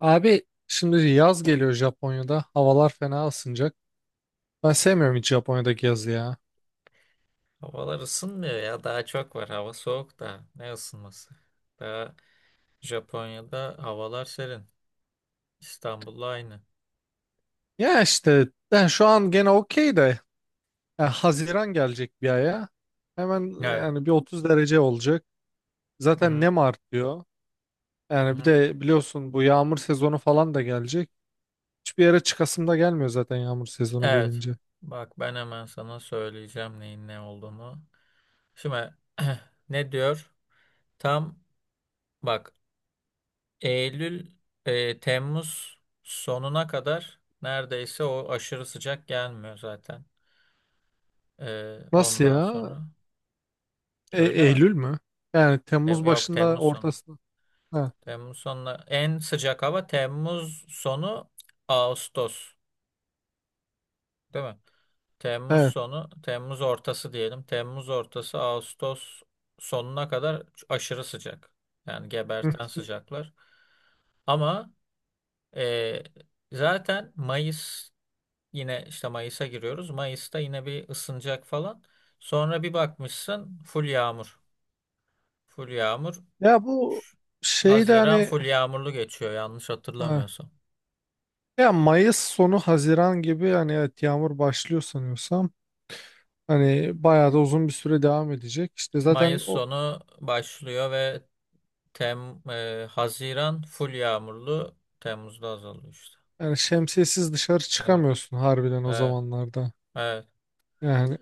Abi şimdi yaz geliyor Japonya'da. Havalar fena ısınacak. Ben sevmiyorum hiç Japonya'daki yazı ya. Havalar ısınmıyor ya. Daha çok var. Hava soğuk da. Ne ısınması? Daha Japonya'da havalar serin. İstanbul'la aynı. Ya işte ben şu an gene okey de ya Haziran gelecek bir aya. Hemen Evet. yani bir 30 derece olacak. Hı Zaten hı. nem artıyor. Hı Yani bir hı. de biliyorsun bu yağmur sezonu falan da gelecek. Hiçbir yere çıkasım da gelmiyor zaten yağmur sezonu Evet. gelince. Bak ben hemen sana söyleyeceğim neyin ne olduğunu. Şimdi ne diyor? Tam bak Eylül, Temmuz sonuna kadar neredeyse o aşırı sıcak gelmiyor zaten. Nasıl Ondan ya? sonra. Öyle mi? Eylül mü? Yani Temmuz Yok, başında Temmuz sonu. ortasında. Ha, Temmuz sonuna en sıcak hava Temmuz sonu Ağustos, değil mi? Temmuz evet. sonu, Temmuz ortası diyelim. Temmuz ortası Ağustos sonuna kadar aşırı sıcak. Yani Hı. geberten sıcaklar. Ama e, zaten Mayıs yine işte Mayıs'a giriyoruz. Mayıs'ta yine bir ısınacak falan. Sonra bir bakmışsın full yağmur. Full yağmur. Ya bu şeyde Haziran hani full yağmurlu geçiyor yanlış ha. hatırlamıyorsam. Ya Mayıs sonu Haziran gibi hani evet yağmur başlıyor sanıyorsam. Hani bayağı da uzun bir süre devam edecek. İşte zaten Mayıs o sonu başlıyor ve Haziran full yağmurlu, Temmuz'da azalıyor işte. yani şemsiyesiz dışarı Evet, çıkamıyorsun harbiden o evet, zamanlarda. evet. Yani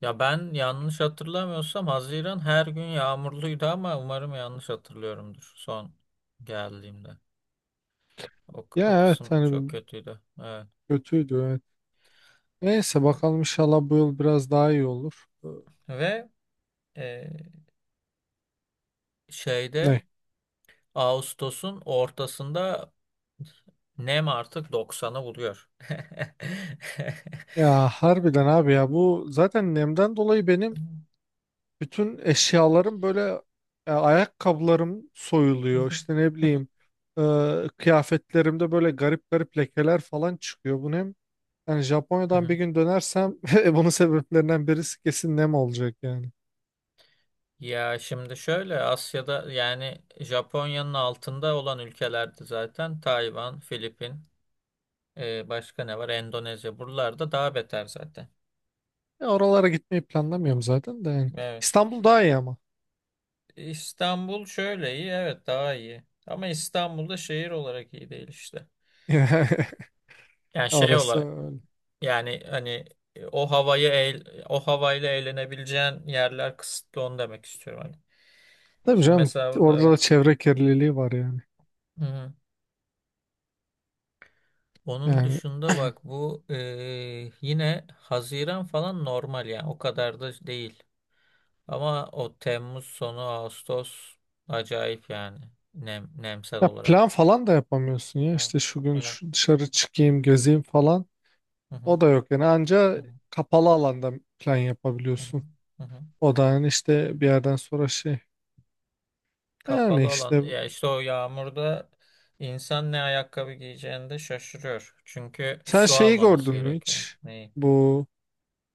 Ya ben yanlış hatırlamıyorsam Haziran her gün yağmurluydu ama umarım yanlış hatırlıyorumdur son geldiğimde. O ya evet kısım çok hani kötüydü. Evet. kötüydü evet. Neyse bakalım inşallah bu yıl biraz daha iyi olur. Ve e, şeyde Ne? Ağustos'un ortasında nem artık 90'ı buluyor. Ya harbiden abi ya bu zaten nemden dolayı benim bütün eşyalarım böyle ayakkabılarım soyuluyor. İşte ne bileyim e, kıyafetlerimde böyle garip garip lekeler falan çıkıyor. Bunu hem yani Japonya'dan bir gün dönersem bunun sebeplerinden birisi kesin nem olacak yani. Ya şimdi şöyle Asya'da yani Japonya'nın altında olan ülkelerde zaten Tayvan, Filipin, başka ne var? Endonezya buralarda daha beter zaten. Oralara gitmeyi planlamıyorum zaten de yani. Evet. İstanbul daha iyi ama. İstanbul şöyle iyi, evet, daha iyi. Ama İstanbul'da şehir olarak iyi değil işte. Yani şey Orası olarak öyle. yani hani o havayı o havayla eğlenebileceğin yerler kısıtlı onu demek istiyorum hani. Tabii Şimdi canım mesela burada, orada evet. da çevre kirliliği var yani. Onun Yani dışında bak bu yine Haziran falan normal yani o kadar da değil. Ama o Temmuz sonu Ağustos acayip yani nemsel ya plan olarak. falan da yapamıyorsun ya Evet, işte şu gün evet. şu dışarı çıkayım gezeyim falan. Hı hı, O da yok yani hı anca hı, kapalı alanda plan hı hı, yapabiliyorsun. hı hı. O da yani işte bir yerden sonra şey. Yani Kapalı olan işte ya işte o yağmurda insan ne ayakkabı giyeceğini de şaşırıyor. Çünkü sen su şeyi almaması gördün mü gerekiyor. hiç? Neyi? Bu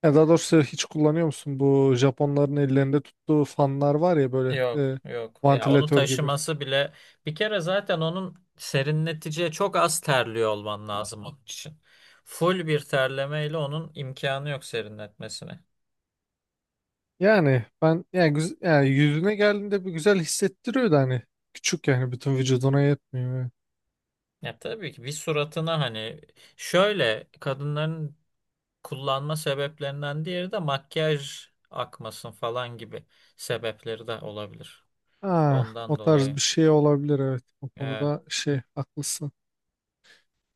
ya daha doğrusu hiç kullanıyor musun? Bu Japonların ellerinde tuttuğu fanlar var ya böyle Yok yok, ya onu vantilatör gibi. taşıması bile bir kere zaten onun serinleticiye çok az terliyor olman lazım onun için. Full bir terlemeyle onun imkanı yok serinletmesine. Yani ben yani, yani yüzüne geldiğinde bir güzel hissettiriyor da hani küçük yani bütün vücuduna yetmiyor. Yani. Ya tabii ki bir suratına hani şöyle kadınların kullanma sebeplerinden diğeri de makyaj akmasın falan gibi sebepleri de olabilir. Ah, o Ondan tarz dolayı. bir şey olabilir evet. O Evet. konuda şey haklısın.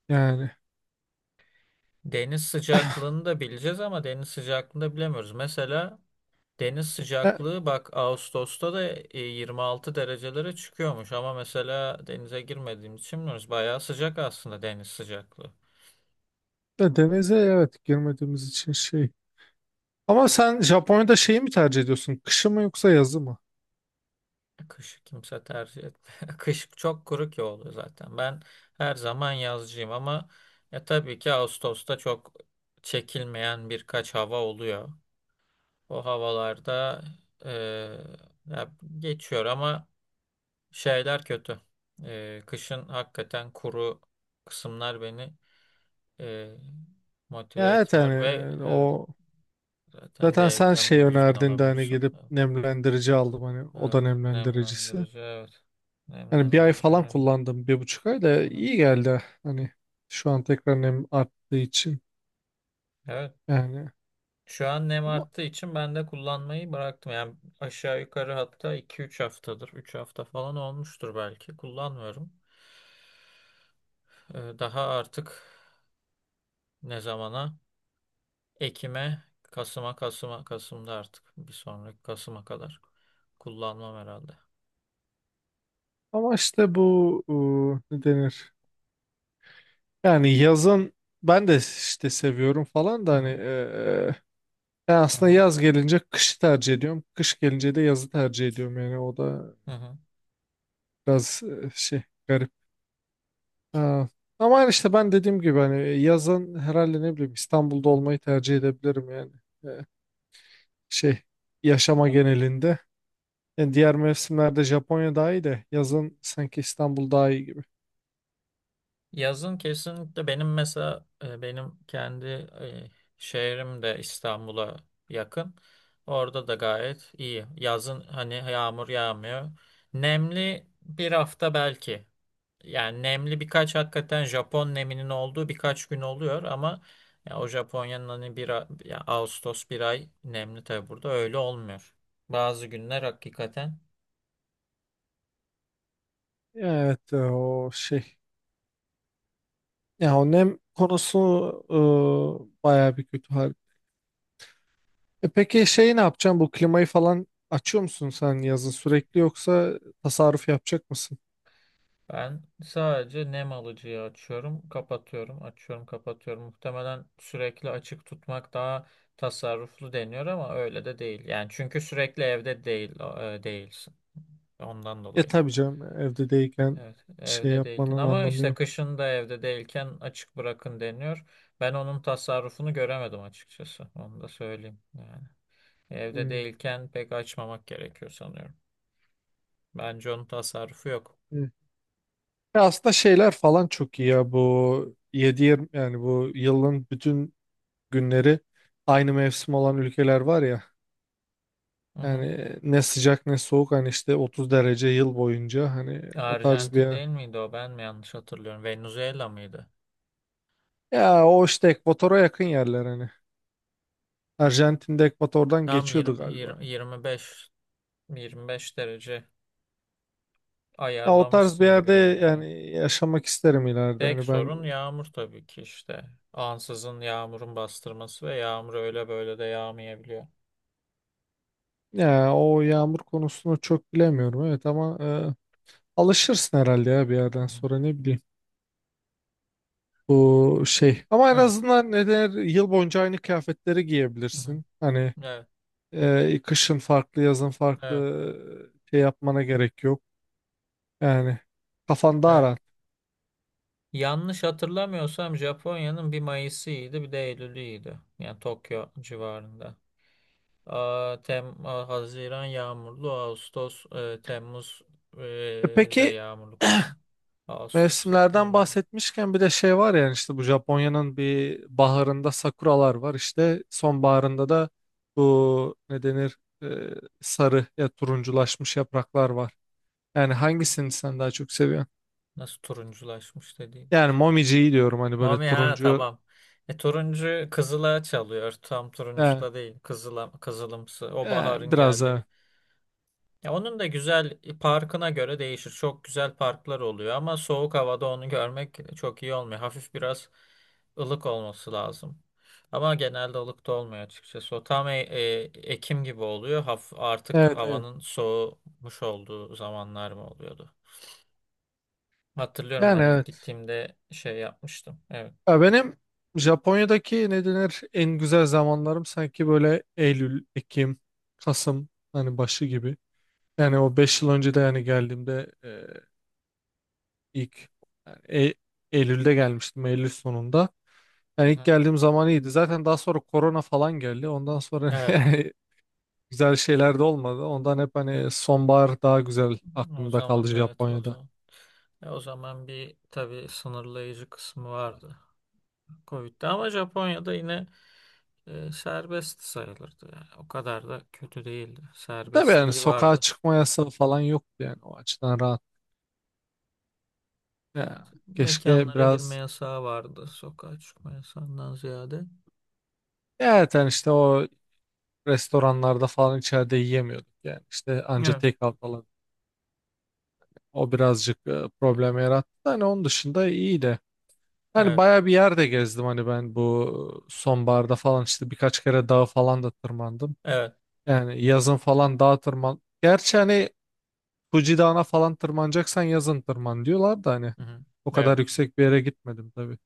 Yani. Deniz sıcaklığını da bileceğiz ama deniz sıcaklığını da bilemiyoruz. Mesela deniz e, sıcaklığı bak Ağustos'ta da 26 derecelere çıkıyormuş ama mesela denize girmediğimiz için bilmiyoruz. Bayağı sıcak aslında deniz sıcaklığı. Ya denize evet girmediğimiz için şey. Ama sen Japonya'da şeyi mi tercih ediyorsun? Kışı mı yoksa yazı mı? Kış kimse tercih etmiyor. Kış çok kuru ki oluyor zaten. Ben her zaman yazcıyım ama ya tabii ki Ağustos'ta çok çekilmeyen birkaç hava oluyor. O havalarda e, ya geçiyor ama şeyler kötü. Kışın hakikaten kuru kısımlar beni e, motive Ya evet hani etmiyor ve evet o zaten zaten D sen vitamini şey de düzgün önerdin de hani alamıyorsun. gidip nemlendirici aldım hani oda Evet. nemlendiricisi. Nemlendirici, evet. Hani bir ay Nemlendirici falan önemli. kullandım 1,5 ay da Hı hı. iyi geldi hani şu an tekrar nem arttığı için Evet. yani. Şu an nem Ama arttığı için ben de kullanmayı bıraktım. Yani aşağı yukarı hatta iki üç haftadır. Üç hafta falan olmuştur belki. Kullanmıyorum. Daha artık ne zamana? Ekim'e, Kasım'a, Kasım'da artık. Bir sonraki Kasım'a kadar kullanmam herhalde. İşte bu ne denir? Yani yazın ben de işte seviyorum falan da Hı hani hı, ben hı aslında hı, yaz gelince kışı tercih ediyorum. Kış gelince de yazı tercih ediyorum. Yani o da hı hı. biraz şey garip. Ha. Ama yani işte ben dediğim gibi hani yazın herhalde ne bileyim İstanbul'da olmayı tercih edebilirim yani. E, Şey yaşama Evet. genelinde. Yani diğer mevsimlerde Japonya daha iyi de yazın sanki İstanbul daha iyi gibi. Yazın kesinlikle benim mesela benim kendi şehrim de İstanbul'a yakın. Orada da gayet iyi. Yazın hani yağmur yağmıyor. Nemli bir hafta belki. Yani nemli birkaç hakikaten Japon neminin olduğu birkaç gün oluyor ama ya o Japonya'nın hani ya Ağustos bir ay nemli tabii burada öyle olmuyor. Bazı günler hakikaten. Evet o şey. Ya o nem konusu bayağı bir kötü. E peki şey ne yapacaksın? Bu klimayı falan açıyor musun sen yazın sürekli yoksa tasarruf yapacak mısın? Ben sadece nem alıcıyı açıyorum, kapatıyorum, açıyorum, kapatıyorum. Muhtemelen sürekli açık tutmak daha tasarruflu deniyor ama öyle de değil. Yani çünkü sürekli evde değil e, değilsin. Ondan E dolayı. tabii canım evde değilken Evet, şey evde değilken yapmanın ama anlamı işte yok. kışın da evde değilken açık bırakın deniyor. Ben onun tasarrufunu göremedim açıkçası. Onu da söyleyeyim yani. Evde Hmm, değilken pek açmamak gerekiyor sanıyorum. Bence onun tasarrufu yok. hmm. E aslında şeyler falan çok iyi ya bu yedi yirmi yani bu yılın bütün günleri aynı mevsim olan ülkeler var ya. Yani ne sıcak ne soğuk hani işte 30 derece yıl boyunca hani o tarz bir Arjantin yer. değil miydi o? Ben mi yanlış hatırlıyorum? Venezuela mıydı? Ya o işte ekvatora yakın yerler hani. Arjantin'de ekvatordan Tam geçiyordu galiba. yirmi beş yirmi beş derece Ya o tarz bir ayarlamışsın gibi yerde deniyor, evet. yani yaşamak isterim ileride. Tek Hani ben sorun yağmur tabii ki işte. Ansızın yağmurun bastırması ve yağmur öyle böyle de yağmayabiliyor. ya o yağmur konusunu çok bilemiyorum evet ama alışırsın herhalde ya bir Hı yerden hı. sonra ne bileyim. Bu şey ama en Evet. azından ne der yıl boyunca aynı kıyafetleri Hı hı. giyebilirsin. Hani Evet. Kışın farklı yazın farklı Evet. Şey yapmana gerek yok. Yani kafan daha Evet. rahat. Yanlış hatırlamıyorsam Japonya'nın bir Mayıs'ıydı bir de Eylül'üydü. Yani Tokyo civarında. Aa, Haziran yağmurlu, Ağustos, Temmuz E da peki yağmurlu kısmı. Ağustos zaten mevsimlerden ölümcül. bahsetmişken bir de şey var yani işte bu Japonya'nın bir baharında sakuralar var işte sonbaharında da bu ne denir e, sarı ya turunculaşmış yapraklar var. Yani hangisini sen daha çok seviyorsun? Nasıl turunculaşmış dediğim. Yani momiciyi diyorum hani böyle Mami, ha, turuncu tamam. Turuncu kızıla çalıyor. Tam turuncu e, da değil. Kızıla, kızılımsı. O baharın biraz geldiğini. da Ya onun da güzel parkına göre değişir. Çok güzel parklar oluyor ama soğuk havada onu görmek çok iyi olmuyor. Hafif biraz ılık olması lazım. Ama genelde ılık da olmuyor açıkçası. O tam Ekim gibi oluyor. Artık evet evet havanın soğumuş olduğu zamanlar mı oluyordu? Hatırlıyorum yani ben ilk evet. gittiğimde şey yapmıştım. Evet. Ya benim Japonya'daki ne denir en güzel zamanlarım sanki böyle Eylül, Ekim, Kasım hani başı gibi. Yani o 5 yıl önce de yani geldiğimde İlk yani Eylül'de gelmiştim Eylül sonunda. Yani ilk Hı. geldiğim zaman iyiydi. Zaten daha sonra korona falan geldi. Ondan sonra Evet. yani güzel şeyler de olmadı. Ondan hep hani sonbahar daha güzel O aklımda kaldı zaman, evet, o Japonya'da. zaman. O zaman bir tabii sınırlayıcı kısmı vardı. Covid'de ama Japonya'da yine serbest sayılırdı yani. O kadar da kötü değildi. Tabii yani Serbestliği sokağa vardı. çıkma yasağı falan yoktu yani o açıdan rahat. Ya, keşke Mekanlara girme biraz yasağı vardı. Sokağa çıkma yasağından ziyade. ya zaten işte o restoranlarda falan içeride yiyemiyorduk yani işte anca Evet, take out falan. O birazcık problem yarattı da hani onun dışında iyiydi. Yani evet, bayağı bir yerde gezdim hani ben bu sonbaharda falan işte birkaç kere dağa falan da tırmandım. evet. Yani yazın falan dağa tırman. Gerçi hani Fuji Dağı'na falan tırmanacaksan yazın tırman diyorlar da hani Hı-hı. o Evet. kadar yüksek bir yere gitmedim tabii.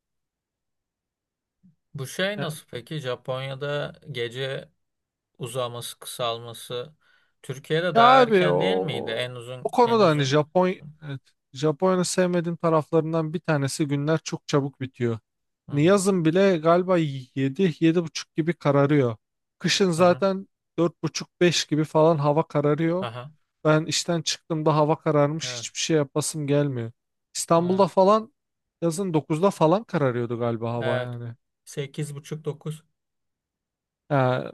Bu şey Ya, nasıl peki? Japonya'da gece uzaması, kısalması Türkiye'de ya daha abi o, erken değil miydi? En o uzun, en konuda hani uzun. Evet, Japonya'nın sevmediğim taraflarından bir tanesi günler çok çabuk bitiyor. Hani Hı-hı. yazın bile galiba yedi yedi buçuk gibi kararıyor. Kışın Hı-hı. zaten dört buçuk beş gibi falan hava kararıyor. Aha. Ben işten çıktığımda hava kararmış Evet, hiçbir şey yapasım gelmiyor. evet, İstanbul'da falan yazın 9'da falan kararıyordu galiba hava evet. yani. 8:30-9. Yani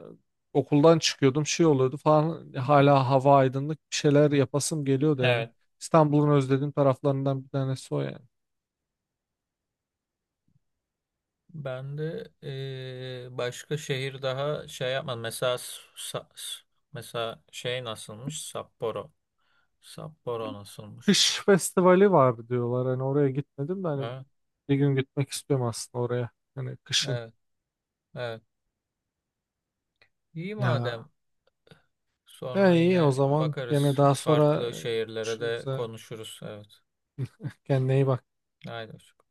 okuldan çıkıyordum şey oluyordu falan hala hava aydınlık bir şeyler yapasım geliyordu yani. Evet. İstanbul'un özlediğim taraflarından bir tanesi o yani. Ben de başka şehir daha şey yapmadım. Mesela mesela şey nasılmış? Sapporo. Sapporo nasılmış? Kış festivali var diyorlar hani oraya gitmedim de hani Ha? bir gün gitmek istiyorum aslında oraya. Hani kışın. Evet, evet. İyi madem. Ha. E, Sonra iyi o yine zaman gene bakarız. daha sonra Farklı şehirlere konuşuruz. de Ha. konuşuruz. Evet. Kendine iyi bak. Haydi. Hoşça